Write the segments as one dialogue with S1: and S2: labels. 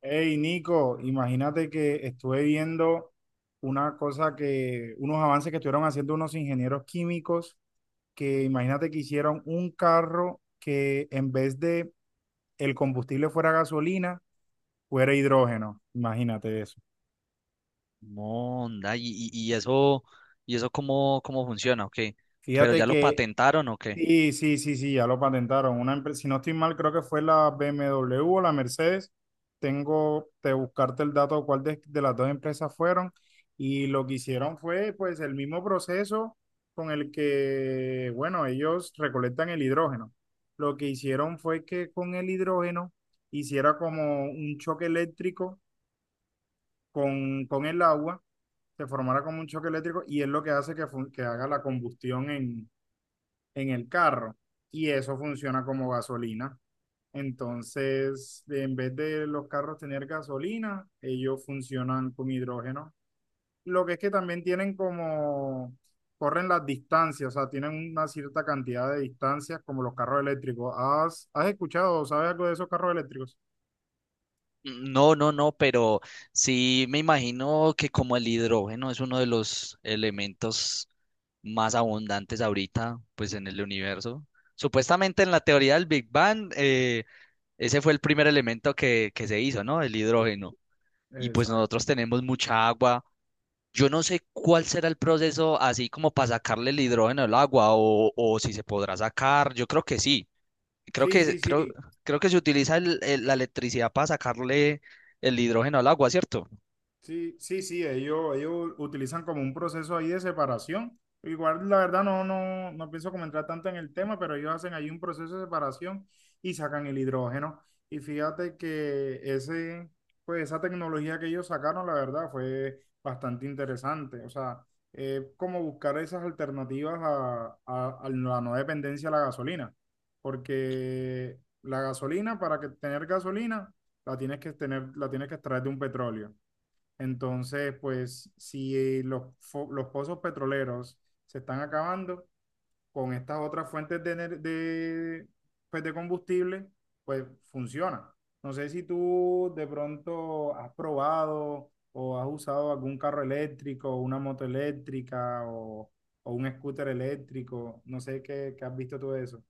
S1: Hey Nico, imagínate que estuve viendo una cosa unos avances que estuvieron haciendo unos ingenieros químicos, que imagínate que hicieron un carro que en vez de el combustible fuera gasolina, fuera hidrógeno. Imagínate eso.
S2: Monda. ¿Y eso cómo funciona? ¿O ¿Pero
S1: Fíjate
S2: ya lo
S1: que
S2: patentaron o qué?
S1: sí, sí, ya lo patentaron. Una empresa, si no estoy mal, creo que fue la BMW o la Mercedes. Tengo que buscarte el dato de cuál de las dos empresas fueron. Y lo que hicieron fue, pues, el mismo proceso con el que, bueno, ellos recolectan el hidrógeno. Lo que hicieron fue que con el hidrógeno hiciera como un choque eléctrico con el agua, se formara como un choque eléctrico y es lo que hace que, que haga la combustión en el carro y eso funciona como gasolina. Entonces, en vez de los carros tener gasolina, ellos funcionan con hidrógeno. Lo que es que también tienen como, corren las distancias, o sea, tienen una cierta cantidad de distancias como los carros eléctricos. ¿Has escuchado o sabes algo de esos carros eléctricos?
S2: No, pero sí me imagino que como el hidrógeno es uno de los elementos más abundantes ahorita, pues en el universo. Supuestamente en la teoría del Big Bang, ese fue el primer elemento que se hizo, ¿no? El hidrógeno. Y pues nosotros
S1: Exacto.
S2: tenemos mucha agua. Yo no sé cuál será el proceso así como para sacarle el hidrógeno al agua o si se podrá sacar. Yo creo que sí. Creo
S1: Sí,
S2: que,
S1: sí,
S2: creo,
S1: sí.
S2: creo que se utiliza la electricidad para sacarle el hidrógeno al agua, ¿cierto?
S1: Sí, sí, sí, ellos utilizan como un proceso ahí de separación. Igual, la verdad, no pienso comentar tanto en el tema, pero ellos hacen ahí un proceso de separación y sacan el hidrógeno. Y fíjate que ese, pues esa tecnología que ellos sacaron, la verdad, fue bastante interesante. O sea, como buscar esas alternativas a, a la no dependencia de la gasolina. Porque la gasolina, para que tener gasolina, la tienes que tener, la tienes que extraer de un petróleo. Entonces, pues si los pozos petroleros se están acabando con estas otras fuentes de, pues, de combustible, pues funciona. No sé si tú de pronto has probado o has usado algún carro eléctrico, una moto eléctrica o un scooter eléctrico. No sé qué has visto tú de eso.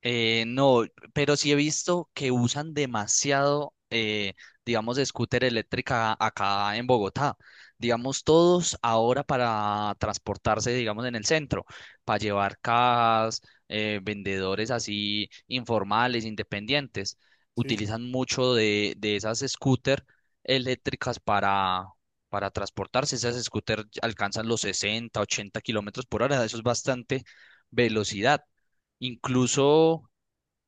S2: No, pero sí he visto que usan demasiado, digamos, scooter eléctrica acá en Bogotá. Digamos, todos ahora para transportarse, digamos, en el centro, para llevar cajas, vendedores así informales, independientes,
S1: Sí,
S2: utilizan mucho de esas scooter eléctricas para transportarse. Esas scooter alcanzan los 60, 80 kilómetros por hora, eso es bastante velocidad. Incluso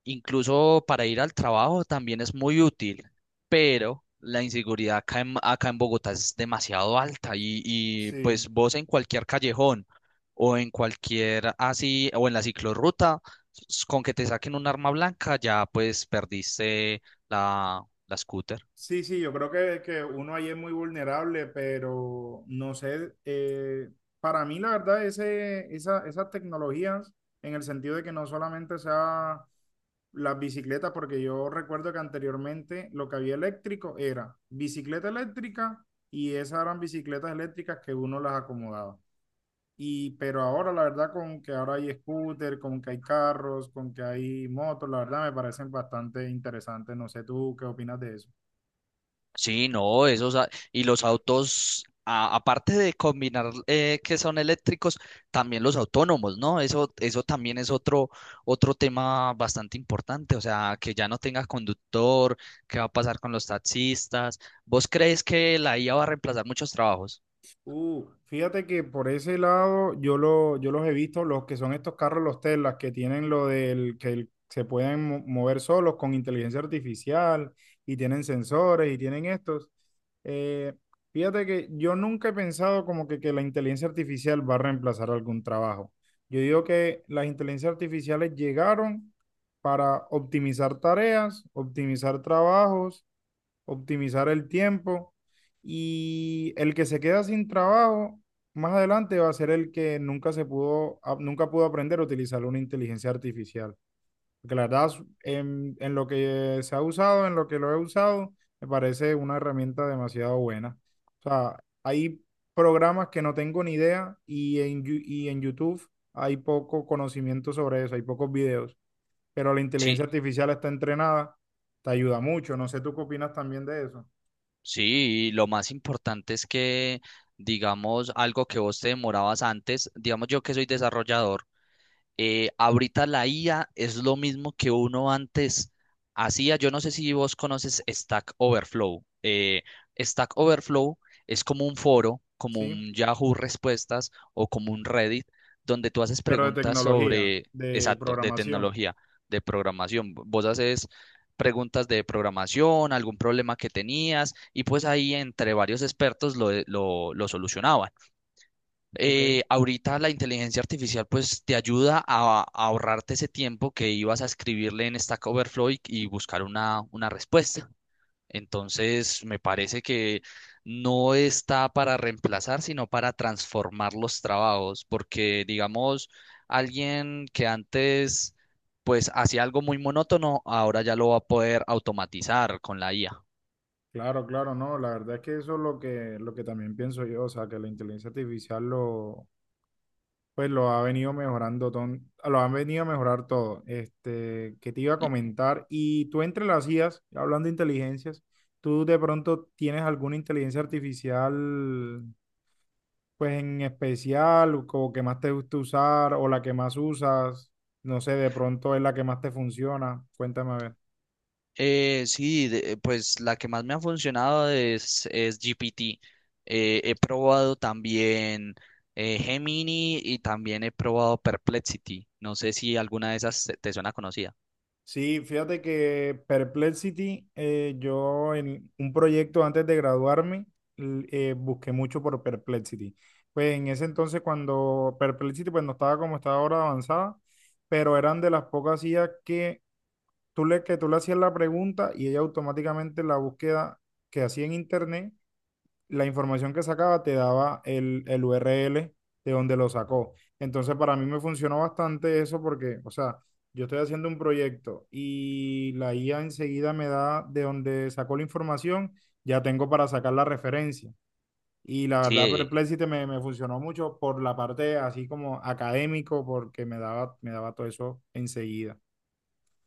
S2: Incluso para ir al trabajo también es muy útil, pero la inseguridad acá acá en Bogotá es demasiado alta y,
S1: sí.
S2: pues vos en cualquier callejón o en cualquier así o en la ciclorruta, con que te saquen un arma blanca ya pues perdiste la, la scooter.
S1: Sí, sí, yo creo que uno ahí es muy vulnerable, pero no sé, para mí la verdad esas tecnologías, en el sentido de que no solamente sea las bicicletas, porque yo recuerdo que anteriormente lo que había eléctrico era bicicleta eléctrica y esas eran bicicletas eléctricas que uno las acomodaba. Y, pero ahora la verdad con que ahora hay scooter, con que hay carros, con que hay motos, la verdad me parecen bastante interesantes. No sé tú qué opinas de eso.
S2: Sí, no, y los autos, aparte de combinar que son eléctricos, también los autónomos, ¿no? Eso también es otro, otro tema bastante importante, o sea, que ya no tenga conductor, qué va a pasar con los taxistas. ¿Vos crees que la IA va a reemplazar muchos trabajos?
S1: Fíjate que por ese lado yo los he visto, los que son estos carros, los Teslas, que tienen lo del que se pueden mover solos con inteligencia artificial y tienen sensores y tienen estos. Eh, fíjate que yo nunca he pensado como que la inteligencia artificial va a reemplazar algún trabajo. Yo digo que las inteligencias artificiales llegaron para optimizar tareas, optimizar trabajos, optimizar el tiempo y el que se queda sin trabajo más adelante va a ser el que nunca pudo aprender a utilizar una inteligencia artificial. Porque la verdad, en lo que se ha usado, en lo que lo he usado, me parece una herramienta demasiado buena. O sea, hay programas que no tengo ni idea y en YouTube hay poco conocimiento sobre eso, hay pocos videos, pero la
S2: Sí,
S1: inteligencia artificial está entrenada, te ayuda mucho. No sé, ¿tú qué opinas también de eso?
S2: sí, y lo más importante es que, digamos, algo que vos te demorabas antes, digamos yo que soy desarrollador. Ahorita la IA es lo mismo que uno antes hacía. Yo no sé si vos conoces Stack Overflow. Stack Overflow es como un foro, como
S1: Sí,
S2: un Yahoo Respuestas o como un Reddit, donde tú haces
S1: pero de
S2: preguntas
S1: tecnología,
S2: sobre,
S1: de
S2: exacto, de
S1: programación.
S2: tecnología, de programación. Vos haces preguntas de programación, algún problema que tenías, y pues ahí entre varios expertos lo solucionaban.
S1: Ok,
S2: Ahorita la inteligencia artificial pues te ayuda a ahorrarte ese tiempo que ibas a escribirle en Stack Overflow y buscar una respuesta. Entonces, me parece que no está para reemplazar, sino para transformar los trabajos, porque digamos, alguien que antes pues hacía algo muy monótono, ahora ya lo va a poder automatizar con la IA.
S1: claro, claro, no, la verdad es que eso es lo lo que también pienso yo, o sea, que la inteligencia artificial lo, pues lo ha venido mejorando, lo han venido a mejorar todo. Este, que te iba a comentar, y tú entre las IAs, hablando de inteligencias, ¿tú de pronto tienes alguna inteligencia artificial, pues en especial, o como que más te gusta usar, o la que más usas? No sé, de pronto es la que más te funciona. Cuéntame a ver.
S2: Pues la que más me ha funcionado es GPT. He probado también Gemini y también he probado Perplexity. No sé si alguna de esas te suena conocida.
S1: Sí, fíjate que Perplexity, yo en un proyecto antes de graduarme, busqué mucho por Perplexity. Pues en ese entonces cuando Perplexity pues no estaba como está ahora avanzada, pero eran de las pocas IAs que que tú le hacías la pregunta y ella automáticamente la búsqueda que hacía en internet la información que sacaba te daba el URL de donde lo sacó. Entonces, para mí me funcionó bastante eso porque, o sea, yo estoy haciendo un proyecto y la IA enseguida me da de donde sacó la información, ya tengo para sacar la referencia. Y la verdad,
S2: Sí,
S1: Me funcionó mucho por la parte así como académico, porque me daba todo eso enseguida.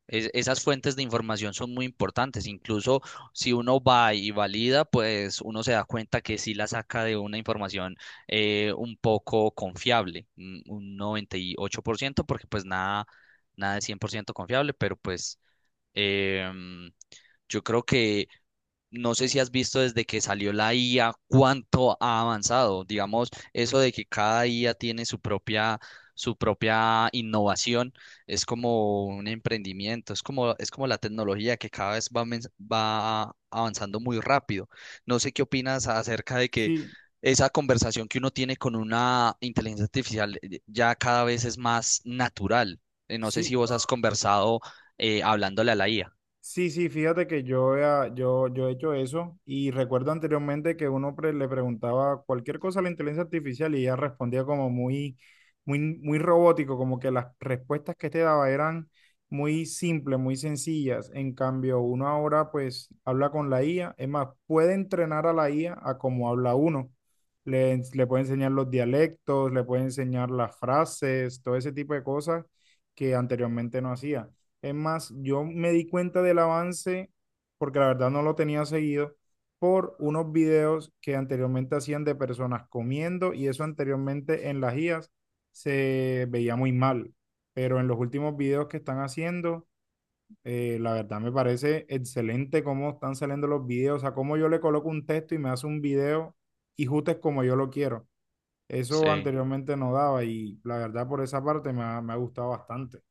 S2: Esas fuentes de información son muy importantes. Incluso si uno va y valida, pues uno se da cuenta que sí la saca de una información un poco confiable, un 98%, porque pues nada, nada es 100% confiable, pero pues em, yo creo que no sé si has visto desde que salió la IA cuánto ha avanzado. Digamos, eso de que cada IA tiene su propia innovación, es como un emprendimiento, es como la tecnología que cada vez va avanzando muy rápido. No sé qué opinas acerca de que
S1: Sí,
S2: esa conversación que uno tiene con una inteligencia artificial ya cada vez es más natural. No sé
S1: sí.
S2: si vos has conversado hablándole a la IA.
S1: Sí, sí, fíjate que yo he hecho eso y recuerdo anteriormente que uno le preguntaba cualquier cosa a la inteligencia artificial y ella respondía como muy, muy robótico, como que las respuestas que te daba eran muy simples, muy sencillas. En cambio, uno ahora pues habla con la IA, es más, puede entrenar a la IA a cómo habla uno. Le puede enseñar los dialectos, le puede enseñar las frases, todo ese tipo de cosas que anteriormente no hacía. Es más, yo me di cuenta del avance, porque la verdad no lo tenía seguido, por unos videos que anteriormente hacían de personas comiendo y eso anteriormente en las IAS se veía muy mal. Pero en los últimos videos que están haciendo, la verdad me parece excelente cómo están saliendo los videos, o sea, cómo yo le coloco un texto y me hace un video y justo es como yo lo quiero. Eso
S2: Sí.
S1: anteriormente no daba y la verdad por esa parte me ha gustado bastante.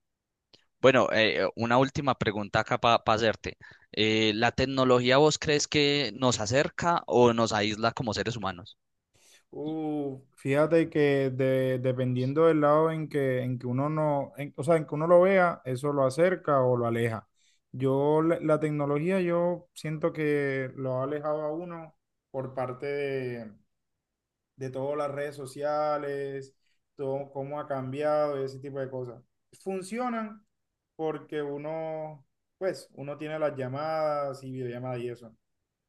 S2: Bueno, una última pregunta acá para hacerte. ¿La tecnología vos crees que nos acerca o nos aísla como seres humanos?
S1: Fíjate que dependiendo del lado en que uno no, en- o sea, en que uno lo vea, eso lo acerca o lo aleja. La tecnología, yo siento que lo ha alejado a uno por parte de todas las redes sociales, todo cómo ha cambiado y ese tipo de cosas. Funcionan porque uno, pues, uno tiene las llamadas y videollamadas y eso,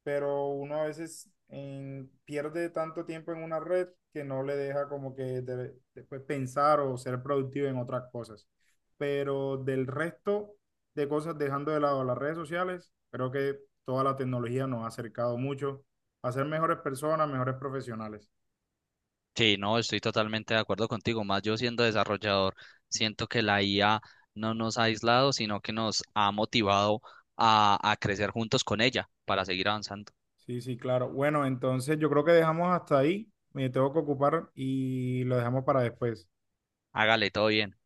S1: pero uno a veces pierde tanto tiempo en una red que no le deja como que después pensar o ser productivo en otras cosas. Pero del resto de cosas, dejando de lado las redes sociales, creo que toda la tecnología nos ha acercado mucho a ser mejores personas, mejores profesionales.
S2: Sí, no, estoy totalmente de acuerdo contigo. Más yo siendo desarrollador, siento que la IA no nos ha aislado, sino que nos ha motivado a crecer juntos con ella para seguir avanzando.
S1: Sí, sí, claro. Bueno, entonces yo creo que dejamos hasta ahí. Me tengo que ocupar y lo dejamos para después.
S2: Hágale, todo bien.